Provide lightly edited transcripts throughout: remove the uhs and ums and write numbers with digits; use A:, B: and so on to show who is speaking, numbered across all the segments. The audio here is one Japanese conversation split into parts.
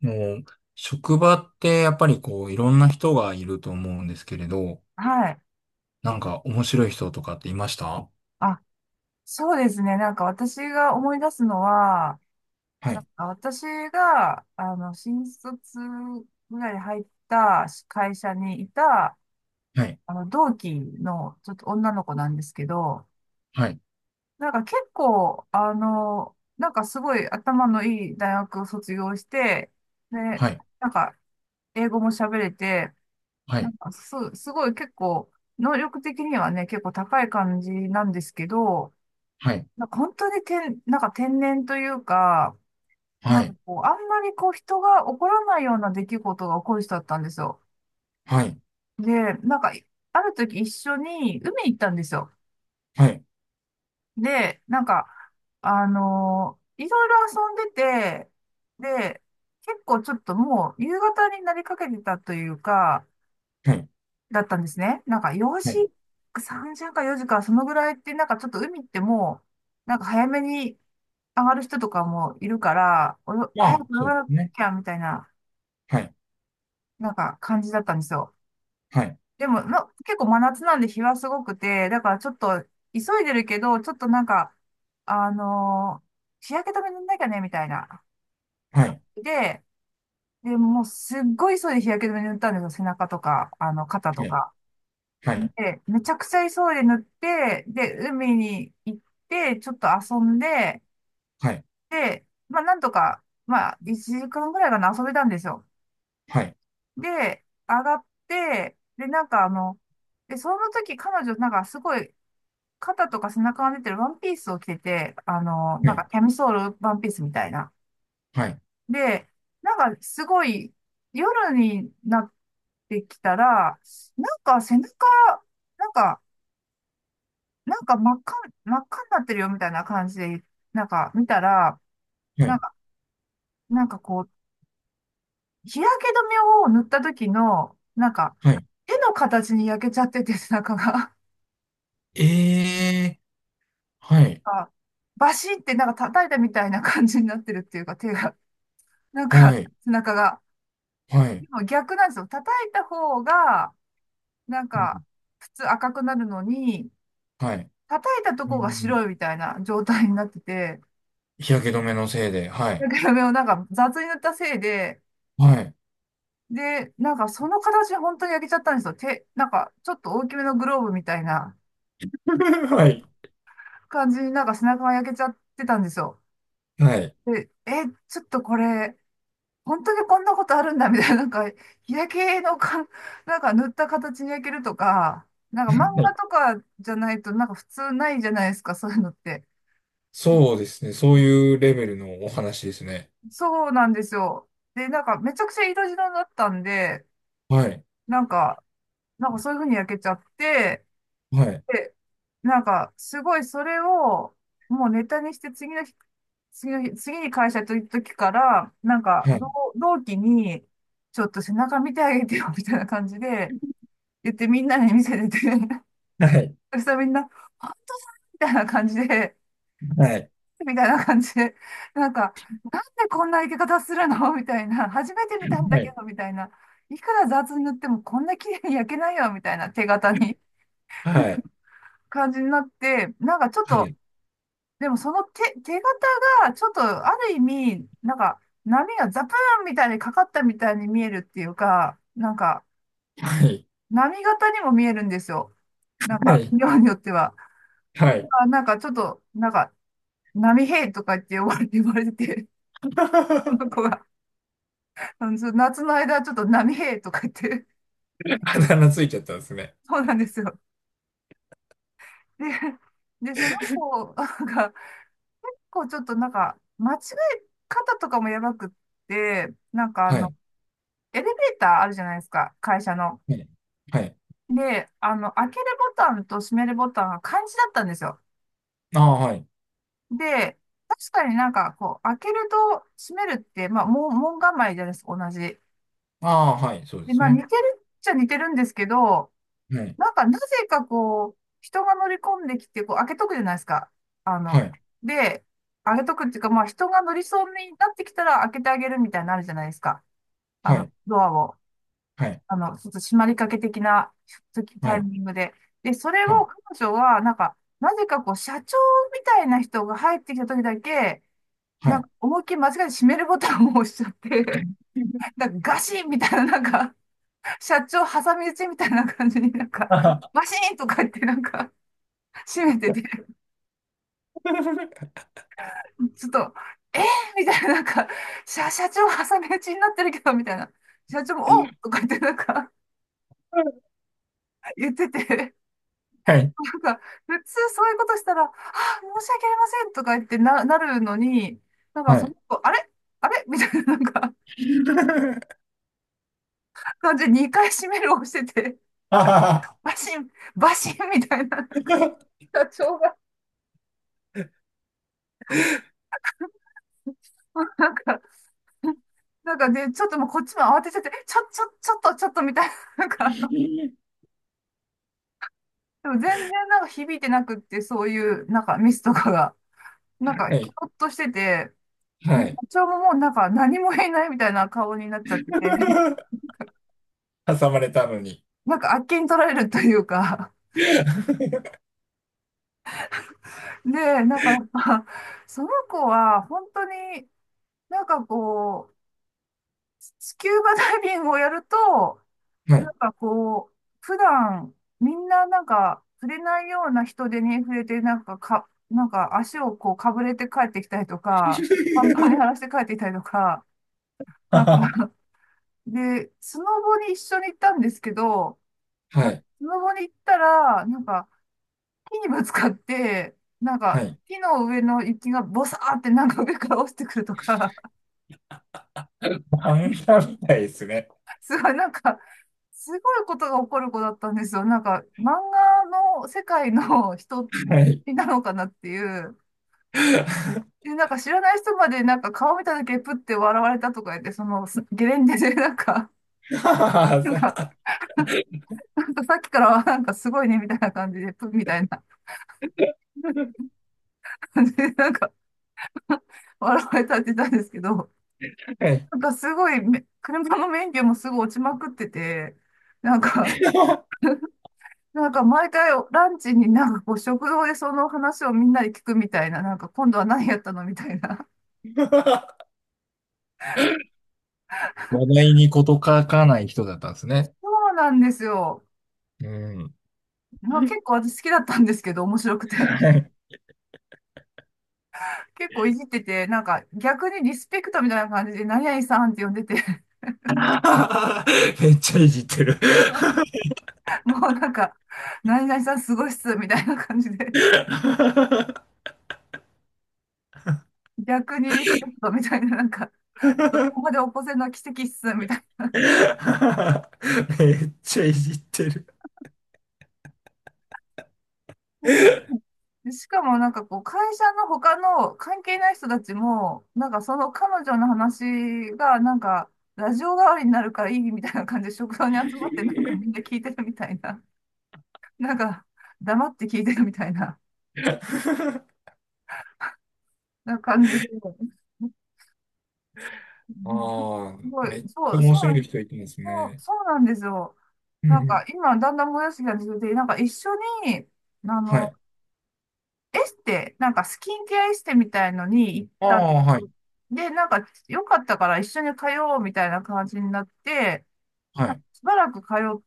A: もう、職場ってやっぱりこう、いろんな人がいると思うんですけれど、
B: はい。
A: なんか面白い人とかっていました？
B: あ、そうですね。なんか私が思い出すのは、
A: は
B: なん
A: い。
B: か私が、新卒ぐらいで入った会社にいた、
A: はい。
B: 同期のちょっと女の子なんですけど、
A: はい。
B: なんか結構、なんかすごい頭のいい大学を卒業して、で、
A: はい。
B: なんか英語も喋れて、
A: は
B: な
A: い。
B: んかすごい結構、能力的にはね、結構高い感じなんですけど、
A: はい。
B: なんか本当になんか天然というか、
A: は
B: なんか
A: い。
B: こう、あんまりこう人が起こらないような出来事が起こる人だったんですよ。
A: はい。
B: で、なんか、ある時一緒に海行ったんですよ。
A: はい。
B: で、なんか、いろいろ遊んでて、で、結構ちょっともう夕方になりかけてたというか、
A: はい。
B: だったんですね。なんか4
A: は
B: 時、
A: い。
B: 3時んか4時か、そのぐらいって、なんかちょっと海ってもう、なんか早めに上がる人とかもいるから、
A: ま
B: 早く
A: あ、
B: 泳
A: そう
B: が
A: で
B: な
A: すね。
B: きゃみたいな、
A: はい。
B: なんか感じだったんですよ。
A: はい。
B: でも、結構真夏なんで日はすごくて、だからちょっと急いでるけど、ちょっとなんか、あのー日焼け止め塗んなきゃね、みたいな
A: は
B: 感
A: い。
B: じで、で、もうすっごい急いで日焼け止め塗ったんですよ。背中とか、肩と
A: はい。
B: か。
A: はい。
B: で、めちゃくちゃ急いで塗って、で、海に行って、ちょっと遊んで、
A: はい。
B: で、まあ、なんとか、まあ、1時間ぐらいかな、遊べたんですよ。
A: はい。
B: で、上がって、で、なんかで、その時彼女、なんかすごい、肩とか背中が出てるワンピースを着てて、
A: は
B: なんか
A: い。
B: キャミソールワンピースみたいな。
A: はい。
B: で、なんかすごい、夜になってきたら、なんか背中、なんか、なんか真っ赤、真っ赤になってるよみたいな感じで、なんか見たら、
A: は
B: なん
A: い。
B: か、なんかこう、日焼け止めを塗った時の、なんか、
A: はい。
B: 手の形に焼けちゃってて、中が、
A: ええー、はい。
B: あバシってなんか叩いたみたいな感じになってるっていうか、手が、なんか、
A: はい。
B: 背中が。
A: はい。
B: でも逆なんですよ。叩いた方が、なん
A: うん。
B: か、普通赤くなるのに、
A: はい。
B: 叩いたと
A: う
B: こが
A: ん。
B: 白いみたいな状態になってて、
A: 日焼け止めのせいで、は
B: 日
A: い。
B: 焼け止めをなんか雑に塗ったせいで、
A: はい。
B: で、なんかその形本当に焼けちゃったんですよ。手、なんかちょっと大きめのグローブみたいな
A: はい。
B: 感じになんか背中が焼けちゃってたんですよ。
A: はい。
B: で、ちょっとこれ、本当にこんなことあるんだみたいな、なんか日焼けのか、なんか塗った形に焼けるとか、なんか漫画とかじゃないとなんか普通ないじゃないですか、そういうのって。
A: そうですね。そういうレベルのお話ですね。
B: そうなんですよ。で、なんかめちゃくちゃ色白だったんで、
A: はい。
B: なんか、なんかそういう風に焼けちゃって、
A: はい。
B: で、なんか、すごいそれを、もうネタにして次の日、次の日、次に会社と行った時から、なんか、
A: はい。
B: 同期に、ちょっと背中見てあげてよ、みたいな感じで、言ってみんなに見せてて、
A: はい。
B: そしたらみんな、あみたいな感じで、
A: はい。
B: みたいな感じで、なんか、なんでこんな生け方するのみたいな、初めて見たん
A: は
B: だけ
A: い。
B: ど、みたいな、いくら雑に塗ってもこんな綺麗に焼けないよ、みたいな手形に
A: はい。
B: 感じになって、なんかちょっ
A: は
B: と、
A: い。
B: でもその手形が、ちょっとある意味、なんか、波がザプーンみたいにかかったみたいに見えるっていうか、なんか、
A: はい。
B: 波形にも見えるんですよ。なん
A: は
B: か、
A: い。
B: 量によっては。な
A: は
B: ん
A: い。
B: か、なんかちょっと、なんか、波平とか言って呼ばれて、われてて、その子 が、そう夏の間ちょっと波平とか言って、
A: あだ名ついちゃったんですね。
B: そうなんですよ。で、その子が、こうちょっとなんか、間違え方とかもやばくって、なんか
A: はい。
B: エレベーターあるじゃないですか、会社の。
A: はい。はい。
B: で、開けるボタンと閉めるボタンが漢字だったんですよ。
A: ああ、はい。
B: で、確かになんか、こう、開けると閉めるって、まあ、門構えじゃないですか、同じ。
A: ああ、はい。そうで
B: で、
A: す
B: まあ、似て
A: ね。
B: るっちゃ似てるんですけど、
A: はい。
B: なんか、なぜかこう、人が乗り込んできて、こう、開けとくじゃないですか。あ
A: は
B: の、
A: い。
B: で、開けとくっていうか、まあ、人が乗りそうになってきたら開けてあげるみたいになのあるじゃないですか。
A: はい。
B: ドアを。
A: はい。
B: ちょっと締まりかけ的な
A: は
B: タイ
A: い。
B: ミングで。で、それ
A: は
B: を
A: い。
B: 彼女は、なんか、なぜかこう、社長みたいな人が入ってきた時だけ、
A: は
B: なん
A: い。
B: か、思いっきり間違えて閉めるボタンを押しちゃって、なんかガシンみたいな、なんか、社長挟み撃ちみたいな感じになんか、
A: あはは。
B: バシーンとか言ってなんか、閉めてて、ちょっと、えー、みたいな、なんか、社長挟み撃ちになってるけど、みたいな。社長も、おうとか言ってなんか、言ってて、
A: はい。
B: なんか、普通そういうことしたら、あ、申し訳ありませんとか言ってなるのに、なんか
A: は
B: その
A: い。
B: 子、あれあれみたいな、なんか、感じで2回閉めるをしてて、
A: あはは。
B: バシン、バシンみたいな、社長が、なんか、なんかで、ちょっともうこっちも慌てちゃって、ちょっと、ちょっとみたいな、なんか、でも全然なんか響いてなくって、そういう、なんかミスとかが、なんか、
A: は
B: キ
A: い。
B: ョッとしてて、
A: は
B: で社
A: い。
B: 長ももうなんか何も言えないみたいな顔になっちゃってて、
A: 挟まれたのに。
B: なんかあっけに取られるというか
A: は
B: で、なんかやっぱ、その子は本当になんかこう、スキューバダイビングをやると、なん
A: い。
B: かこう、普段みんななんか触れないような人手に触れて、なんかか、なんか足をこうかぶれて帰ってきたりとか、パンパンに 荒らして帰ってきたりとか、なん
A: は。
B: かで、スノボに一緒に行ったんですけど、
A: は
B: なんか
A: い。
B: スノボに行ったら、なんか木にぶつかって、なん
A: は
B: か、
A: い。
B: 木の上の雪がボサーってなんか上から落ちてくるとか、
A: 漫 画みたいですね。
B: すごいなんか、すごいことが起こる子だったんですよ。なんか、漫画の世界の人
A: はい。
B: なのかなっていう。で、なんか知らない人までなんか顔見ただけプッて笑われたとか言って、そのゲレンデでなんか、
A: は
B: なんか、
A: さ。
B: なんかさっきからはなんかすごいねみたいな感じで、プッみたいな感じでなんか笑われたって言ったんですけど、
A: はい。
B: なんかすごい車の免許もすぐ落ちまくってて、なんか、なんか毎回ランチになんかこう食堂でその話をみんなで聞くみたいな、なんか今度は何やったのみたいな。
A: 話題に事欠かない人だったんですね。
B: そうなんですよ。
A: うん。
B: まあ、結構私好きだったんですけど、面白くて。
A: はい。
B: 結構いじってて、なんか逆にリスペクトみたいな感じで、何々さんって呼んでて、
A: めっちゃいじってる。
B: もうなんか、何々さんすごいっす、みたいな感じで。逆にリスペクトみたいな、なんか、どこまで起こせるのは奇跡っす、みたいな。
A: めっちゃいじってる。
B: でしかもなんかこう、会社の他の関係ない人たちも、なんかその彼女の話が、なんか、ラジオ代わりになるからいいみたいな感じで食堂に集まって、なんかみんな聞いてるみたいな。なんか、黙って聞いてるみたいな、な感じで。う
A: あ
B: ん
A: あ、
B: すご
A: めっち
B: い、
A: ゃ面白い人いてます
B: そう
A: ね。
B: そうなんですよ。
A: う
B: なんか
A: ん。
B: 今、だんだんもやしが出てて、なんか一緒に、あ
A: は
B: の、
A: い。
B: エステ、なんかスキンケアエステみたいのに行っ
A: あ
B: たんで
A: あ、
B: す。
A: はい。
B: で、なんか良かったから一緒に通おうみたいな感じになって、
A: は
B: なんか
A: い。
B: しばらく通っ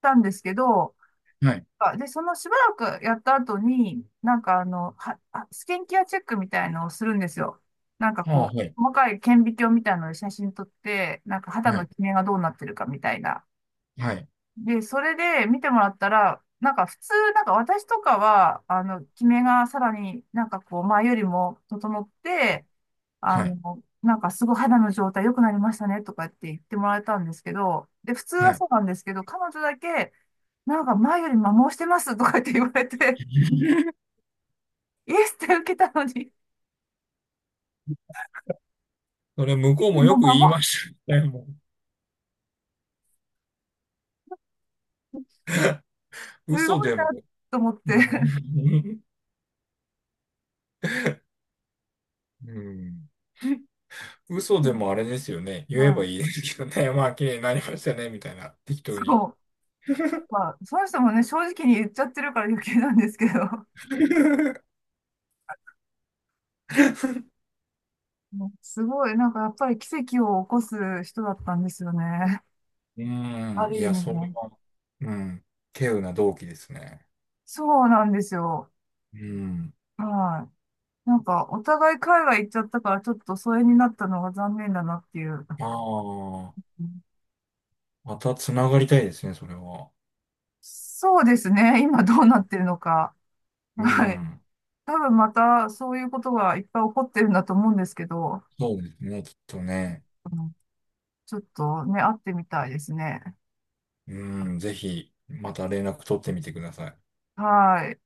B: たんですけど、
A: はい。
B: で、そのしばらくやった後に、なんかスキンケアチェックみたいのをするんですよ。なんか
A: ああ、
B: こ
A: はい。
B: う、細かい顕微鏡みたいので写真撮って、なんか肌
A: は
B: の
A: い。
B: キメがどうなってるかみたいな。
A: はい。
B: で、それで見てもらったら、なんか普通、なんか私とかは、キメがさらになんかこう、前よりも整って、
A: はい。
B: なんかすごい肌の状態良くなりましたねとかって言ってもらえたんですけど、で、普通
A: は
B: は
A: い。
B: そうなんですけど、彼女だけ、なんか前より摩耗してますとかって言われて、イエスって受けたのに、
A: それ、向こうも
B: も
A: よ
B: う
A: く言
B: 摩
A: いま
B: 耗、
A: したね。も
B: す
A: う、
B: ご
A: 嘘
B: い
A: でも。
B: なと思って。
A: うん。うん。嘘で もあれですよね。
B: う
A: 言えば
B: ん、
A: いいですけどね。まあ、綺麗になりましたね、みたいな。適当に。
B: そう。まあ、その人もね、正直に言っちゃってるから余計なんですけど。もうすごい、なんかやっぱり奇跡を起こす人だったんですよね。
A: う
B: あ
A: ん。い
B: る意
A: や、
B: 味
A: それ
B: ね。
A: は、うん。稀有な動機ですね。
B: そうなんですよ。
A: うん。
B: はい。なんかお互い海外行っちゃったからちょっと疎遠になったのが残念だなっていう。
A: ああ、また繋がりたいですね、それは。
B: そうですね。今どうなってるのか。
A: う
B: はい。
A: ん。
B: 多分またそういうことがいっぱい起こってるんだと思うんですけど、
A: そうですね、きっとね。
B: うんちょっとね、会ってみたいですね。
A: うん、ぜひ、また連絡取ってみてください。
B: はい。